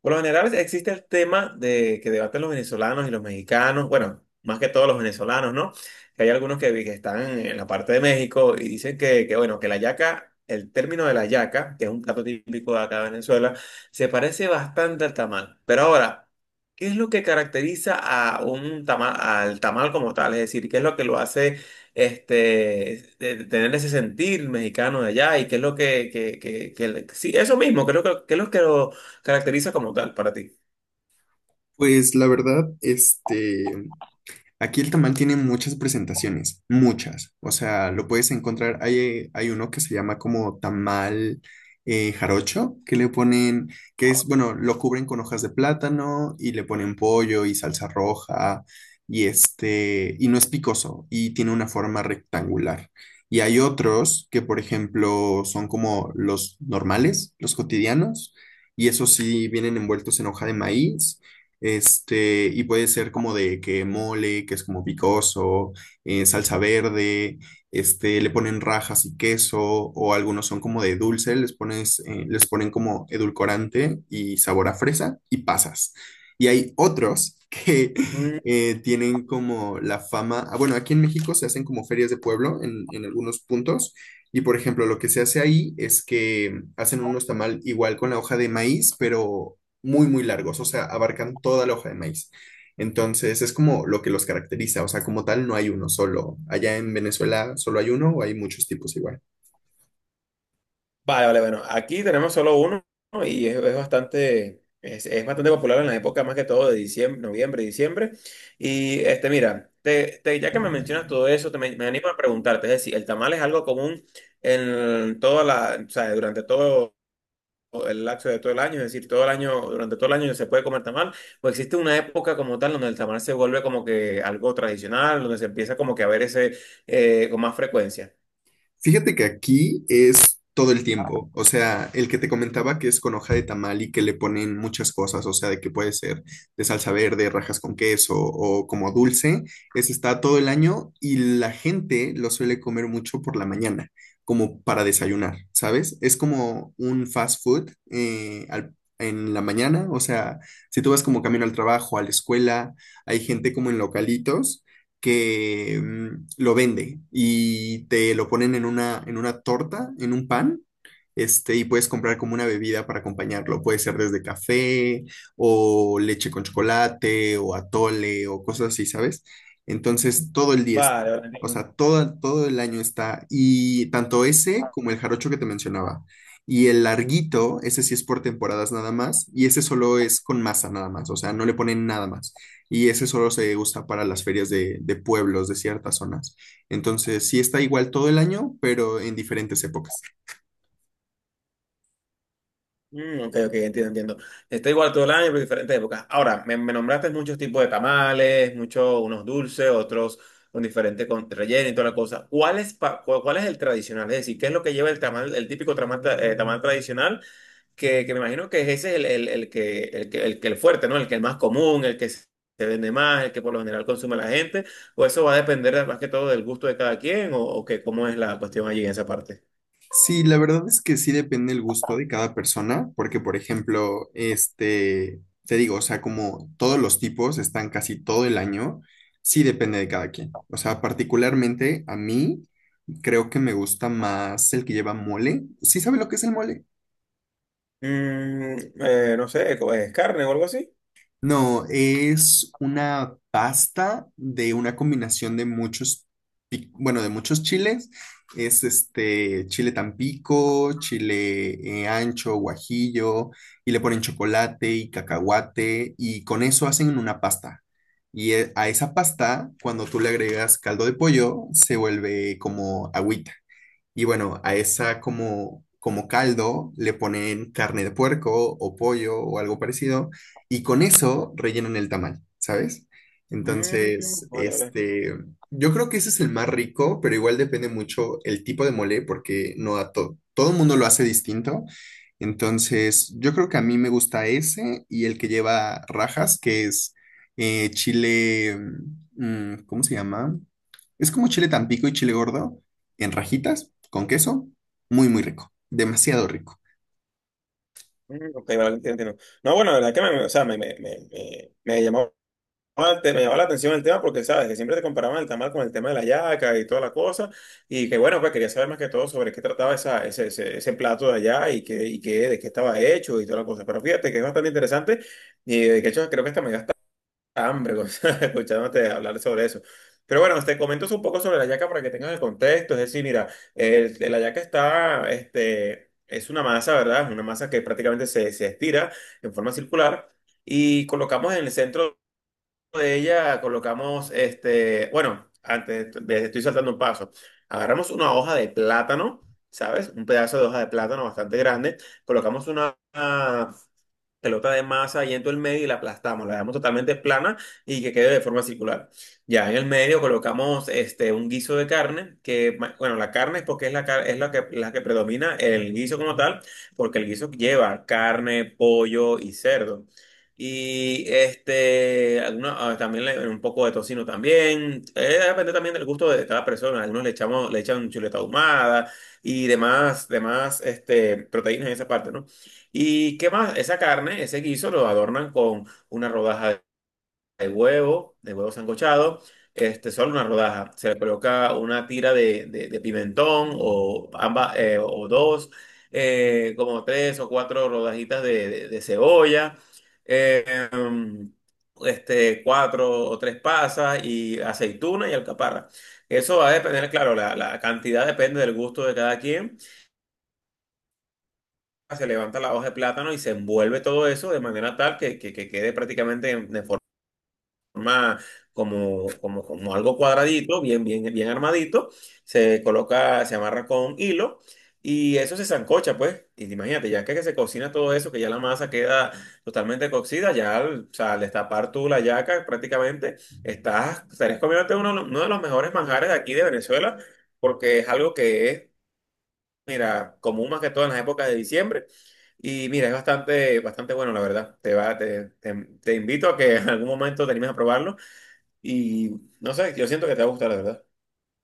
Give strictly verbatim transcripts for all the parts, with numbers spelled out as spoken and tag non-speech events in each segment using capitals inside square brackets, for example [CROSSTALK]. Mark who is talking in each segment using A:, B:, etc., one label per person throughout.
A: Por lo general existe el tema de que debaten los venezolanos y los mexicanos, bueno, más que todos los venezolanos, ¿no? Que hay algunos que, vi- que están en la parte de México y dicen que, que, bueno, que la yaca, el término de la yaca, que es un plato típico de acá de Venezuela, se parece bastante al tamal. Pero ahora, ¿qué es lo que caracteriza a un tamal, al tamal como tal? Es decir, ¿qué es lo que lo hace este, de- tener ese sentir mexicano de allá? ¿Y qué es lo que, que, que, que- sí, eso mismo, creo que, que es lo que lo caracteriza como tal para ti?
B: Pues la verdad, este, aquí el tamal tiene muchas presentaciones, muchas. O sea, lo puedes encontrar, hay, hay uno que se llama como tamal eh, jarocho, que le ponen, que es, bueno, lo cubren con hojas de plátano y le ponen pollo y salsa roja y este, y no es picoso y tiene una forma rectangular. Y hay otros que, por ejemplo, son como los normales, los cotidianos, y esos sí vienen envueltos en hoja de maíz este, y puede ser como de que mole, que es como picoso, eh, salsa verde, este, le ponen rajas y queso, o algunos son como de dulce, les pones, eh, les ponen como edulcorante y sabor a fresa y pasas. Y hay otros que [LAUGHS]
A: Mm.
B: eh, tienen como la fama, ah, bueno, aquí en México se hacen como ferias de pueblo en, en algunos puntos, y por ejemplo, lo que se hace ahí es que hacen unos tamal igual con la hoja de maíz, pero muy, muy largos, o sea, abarcan toda la hoja de maíz. Entonces, es como lo que los caracteriza, o sea, como tal no hay uno solo. Allá en Venezuela solo hay uno o hay muchos tipos igual.
A: Vale, vale, bueno, aquí tenemos solo uno, ¿no? Y es, es bastante, es, es bastante popular en la época más que todo de diciembre, noviembre, diciembre. Y este, mira, te, te- ya que me mencionas todo eso, te, me, me animo a preguntarte, es decir, ¿el tamal es algo común en toda la, o sea, durante todo el lapso de todo el año? Es decir, todo el año, durante todo el año se puede comer tamal, o existe una época como tal donde el tamal se vuelve como que algo tradicional, donde se empieza como que a ver ese, eh, con más frecuencia.
B: Fíjate que aquí es todo el tiempo. O sea, el que te comentaba que es con hoja de tamal y que le ponen muchas cosas, o sea, de que puede ser de salsa verde, rajas con queso o como dulce, ese está todo el año y la gente lo suele comer mucho por la mañana, como para desayunar, ¿sabes? Es como un fast food eh, al- en la mañana, o sea, si tú vas como camino al trabajo, a la escuela, hay gente como en localitos que mm, lo vende y te lo ponen en una, en una torta, en un pan, este, y puedes comprar como una bebida para acompañarlo. Puede ser desde café o leche con chocolate o atole o cosas así, ¿sabes? Entonces, todo el día, es-
A: Vale, vale.
B: o sea, todo, todo el año está. Y tanto ese como el jarocho que te mencionaba. Y el larguito, ese sí es por temporadas nada más. Y ese solo es con masa nada más. O sea, no le ponen nada más. Y ese solo se usa para las ferias de, de pueblos, de ciertas zonas. Entonces, sí está igual todo el año, pero en diferentes épocas.
A: Mm, ok, ok, entiendo, entiendo. Está igual todo el año, pero diferentes épocas. Ahora, me, me nombraste muchos tipos de tamales, muchos, unos dulces, otros con diferente con relleno y toda la cosa. ¿Cuál es, pa- cu- cuál es el tradicional? Es decir, ¿qué es lo que lleva el tamal, el típico tamal, tra- eh, tamal tradicional? Que, que me imagino que ese es el, el, el que, el que, el que el fuerte, ¿no? El que es más común, el que se vende más, el que por lo general consume la gente. ¿O eso va a depender más que todo del gusto de cada quien? ¿O, o qué, cómo es la cuestión allí en esa parte?
B: Sí, la verdad es que sí depende el gusto de cada persona, porque por ejemplo, este, te digo, o sea, como todos los tipos están casi todo el año, sí depende de cada quien. O sea, particularmente a mí creo que me gusta más el que lleva mole. ¿Sí sabe lo que es el mole?
A: Mm, eh, no sé, ¿es carne o algo así?
B: No, es una pasta de una combinación de muchos, pi- bueno, de muchos chiles. Es este chile tampico, chile eh, ancho, guajillo, y le ponen chocolate y cacahuate, y con eso hacen una pasta. Y eh, a esa pasta, cuando tú le agregas caldo de pollo, se vuelve como agüita. Y bueno, a esa como, como caldo le ponen carne de puerco o pollo o algo parecido, y con eso rellenan el tamal, ¿sabes?
A: Mm,
B: Entonces,
A: vale, vale.
B: este, yo creo que ese es el más rico, pero igual depende mucho el tipo de mole, porque no a todo, todo el mundo lo hace distinto. Entonces, yo creo que a mí me gusta ese y el que lleva rajas, que es eh, chile, mm, ¿cómo se llama? Es como chile tampico y chile gordo, en rajitas con queso. Muy, muy rico. Demasiado rico.
A: Mm, ok, vale, entiendo, entiendo. No, bueno, la verdad que me, o sea, me, me, me, me- me llamó, la- me llamó la atención el tema porque, sabes, que siempre te comparaban el tamal con el tema de la yaca y toda la cosa. Y que, bueno, pues quería saber más que todo sobre qué trataba esa, ese, ese, ese plato de allá y, qué, y qué, de qué estaba hecho y toda la cosa. Pero fíjate que es bastante interesante y de hecho creo que hasta me hambre, Gonzalo, [LAUGHS] escuchándote hablar sobre eso. Pero bueno, te comento un poco sobre la yaca para que tengas el contexto. Es decir, mira, el- la yaca está, este, es una masa, ¿verdad? Es una masa que prácticamente se, se estira en forma circular y colocamos en el centro de ella, colocamos, este, bueno, antes, de- estoy saltando un paso. Agarramos una hoja de plátano, ¿sabes? Un pedazo de hoja de plátano bastante grande. Colocamos una pelota de masa y en todo el medio y la aplastamos, la dejamos totalmente plana y que quede de forma circular. Ya en el medio colocamos este, un guiso de carne, que ma- bueno, la carne es porque es la, car- es la que, la que predomina el guiso como tal, porque el guiso lleva carne, pollo y cerdo. Y este, alguna- ah, también le- un poco de tocino también. Eh, depende también del gusto de cada persona. Algunos le echamos, le echan chuleta ahumada y demás, demás este, proteínas en esa parte, ¿no? ¿Y qué más? Esa carne, ese guiso lo adornan con una rodaja de huevo, de huevo sancochado, este, solo una rodaja. Se le coloca una tira de, de- de pimentón o, ambas, eh, o dos, eh, como tres o cuatro rodajitas de, de- de cebolla, eh, em, este, cuatro o tres pasas y aceituna y alcaparra. Eso va a depender, claro, la, la cantidad depende del gusto de cada quien. Se levanta la hoja de plátano y se envuelve todo eso de manera tal que, que- que quede prácticamente en- de forma como, como, como algo cuadradito, bien, bien, bien armadito. Se coloca, se amarra con hilo y eso se sancocha, pues. Y imagínate, ya que se cocina todo eso, que ya la masa queda totalmente cocida, ya al, o sea, al destapar tú la yaca, prácticamente estás, estarías comiéndote uno, uno de los mejores manjares de aquí de Venezuela, porque es algo que es, mira, común más que todo en las épocas de diciembre. Y mira, es bastante, bastante bueno, la verdad. Te va, te, te, te invito a que [LAUGHS] en algún momento te animes a probarlo. Y no sé, yo siento que te va a gustar, la verdad.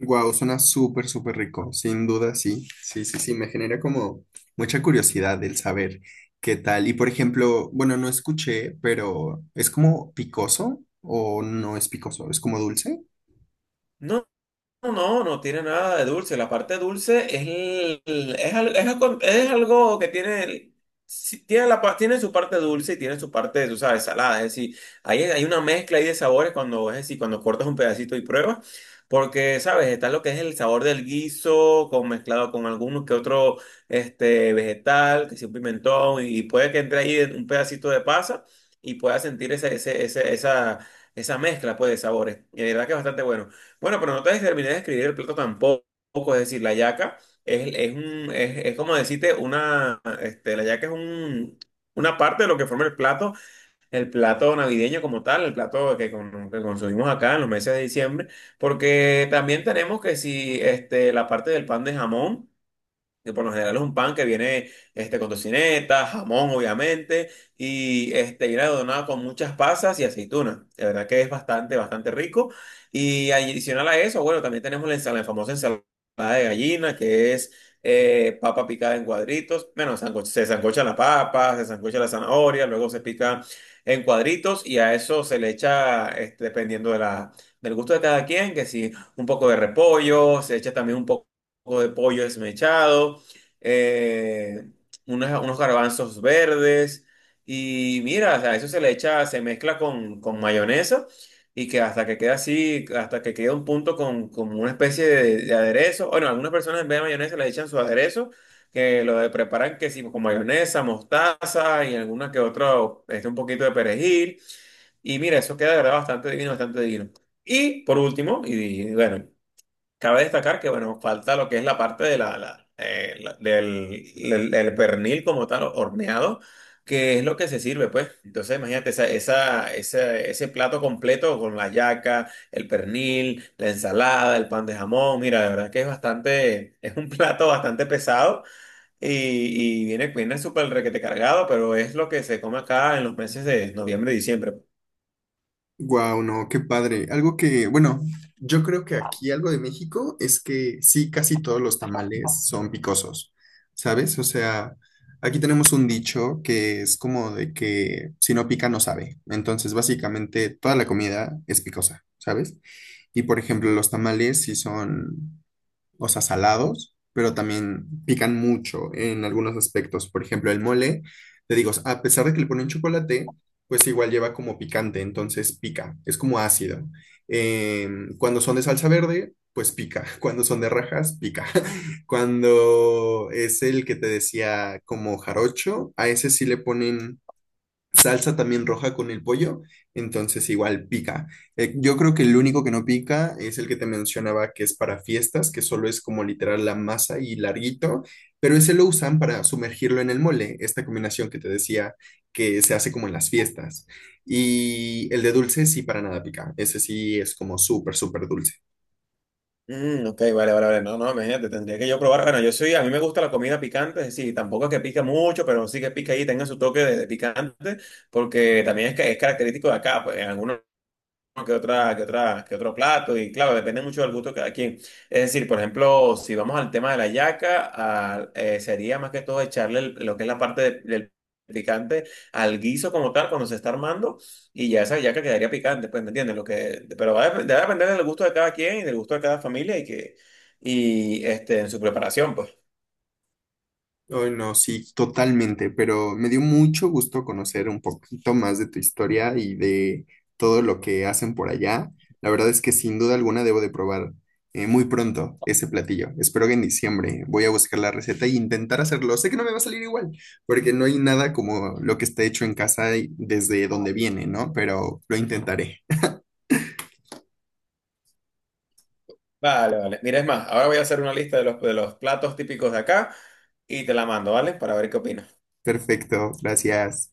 B: Wow, suena súper, súper rico. Sin duda, sí. Sí, sí, sí. Me genera como mucha curiosidad el saber qué tal. Y por ejemplo, bueno, no escuché, pero ¿es como picoso o no es picoso? ¿Es como dulce?
A: No. No, no tiene nada de dulce. La parte dulce es, el- el- es, al- es algo, es algo que tiene, el- sí, tiene, la, pa- tiene su parte dulce y tiene su parte, tú sabes, salada. Es decir, hay, hay una mezcla ahí de sabores cuando, es decir, cuando cortas un pedacito y pruebas. Porque, sabes, está lo que es el sabor del guiso con, mezclado con alguno que otro este, vegetal, que sea un pimentón, y puede que entre ahí un pedacito de pasa y puedas sentir ese, ese, ese- esa, esa mezcla, pues, de sabores. Y de verdad que es bastante bueno. Bueno, pero no te terminé de escribir el plato tampoco. Es decir, la yaca es, es, un, es, es como decirte una. Este, la yaca es un, una parte de lo que forma el plato, el plato navideño como tal, el plato que, con- que consumimos acá en los meses de diciembre. Porque también tenemos que si este, la parte del pan de jamón que por lo general es un pan que viene este, con tocineta, jamón, obviamente, y este, viene adornado con muchas pasas y aceitunas. De verdad que es bastante, bastante rico. Y adicional a eso, bueno, también tenemos la ensalada, la famosa ensalada de gallina, que es eh, papa picada en cuadritos. Bueno, sanco- se sancocha la papa, se sancocha la zanahoria, luego se pica en cuadritos y a eso se le echa, este, dependiendo de la, del gusto de cada quien, que si un poco de repollo, se echa también un poco poco de pollo desmechado, eh, unas- unos garbanzos verdes. Y mira, o sea, eso se le echa, se mezcla con, con mayonesa y que hasta que queda así, hasta que queda un punto con, con una especie de, de aderezo. Bueno, algunas personas en vez de mayonesa le echan su aderezo, que lo de- preparan que sí, con mayonesa, mostaza y alguna que otra, este, un poquito de perejil. Y mira, eso queda de verdad bastante divino, bastante divino. Y por último, y, bueno, cabe destacar que, bueno, falta lo que es la parte de la, la, eh, la- del, del- del pernil como tal, horneado, que es lo que se sirve, pues. Entonces, imagínate, esa, esa, esa- ese plato completo con la yaca, el pernil, la ensalada, el pan de jamón. Mira, la verdad que es bastante, es un plato bastante pesado y, y viene, viene súper requete cargado, pero es lo que se come acá en los meses de noviembre y diciembre.
B: Wow, no, qué padre. Algo que, bueno, yo creo que aquí algo de México es que sí, casi todos los tamales son picosos, ¿sabes? O sea, aquí tenemos un dicho que es como de que si no pica no sabe. Entonces, básicamente toda la comida es picosa, ¿sabes? Y por ejemplo, los tamales sí son o sea, salados, pero también pican mucho en algunos aspectos. Por ejemplo, el mole, te digo, a pesar de que le ponen chocolate, pues igual lleva como picante, entonces pica, es como ácido. Em, cuando son de salsa verde, pues pica. [LAUGHS] Cuando son de rajas, pica. [LAUGHS] Cuando es el que te decía como jarocho, a ese sí le ponen salsa también roja con el pollo, entonces igual pica. Eh, yo creo que el único que no pica es el que te mencionaba que es para fiestas, que solo es como literal la masa y larguito, pero ese lo usan para sumergirlo en el mole, esta combinación que te decía que se hace como en las fiestas. Y el de dulce sí para nada pica, ese sí es como súper, súper dulce.
A: Mm, ok, vale, vale, vale. No, no, imagínate, tendría que yo probar. Bueno, yo soy, a mí me gusta la comida picante, es decir, tampoco es que pica mucho, pero sí que pica ahí, tenga su toque de, de picante, porque también es, ca- es característico de acá, pues en algunos que otra, que otra, que otro plato, y claro, depende mucho del gusto de cada quien. Es decir, por ejemplo, si vamos al tema de la yaca, a- eh, sería más que todo echarle el- lo que es la parte de- del picante al guiso como tal cuando se está armando, y ya esa yaca quedaría picante, pues, ¿me entiendes? Lo que, pero va a, dep- debe depender del gusto de cada quien y del gusto de cada familia y que, y este, en su preparación, pues.
B: Ay, no, sí, totalmente, pero me dio mucho gusto conocer un poquito más de tu historia y de todo lo que hacen por allá. La verdad es que sin duda alguna debo de probar eh, muy pronto ese platillo. Espero que en diciembre voy a buscar la receta e intentar hacerlo. Sé que no me va a salir igual, porque no hay nada como lo que está hecho en casa y desde donde viene, ¿no? Pero lo intentaré.
A: Vale, vale. Mira, es más, ahora voy a hacer una lista de los, de los platos típicos de acá y te la mando, ¿vale? Para ver qué opinas.
B: Perfecto, gracias.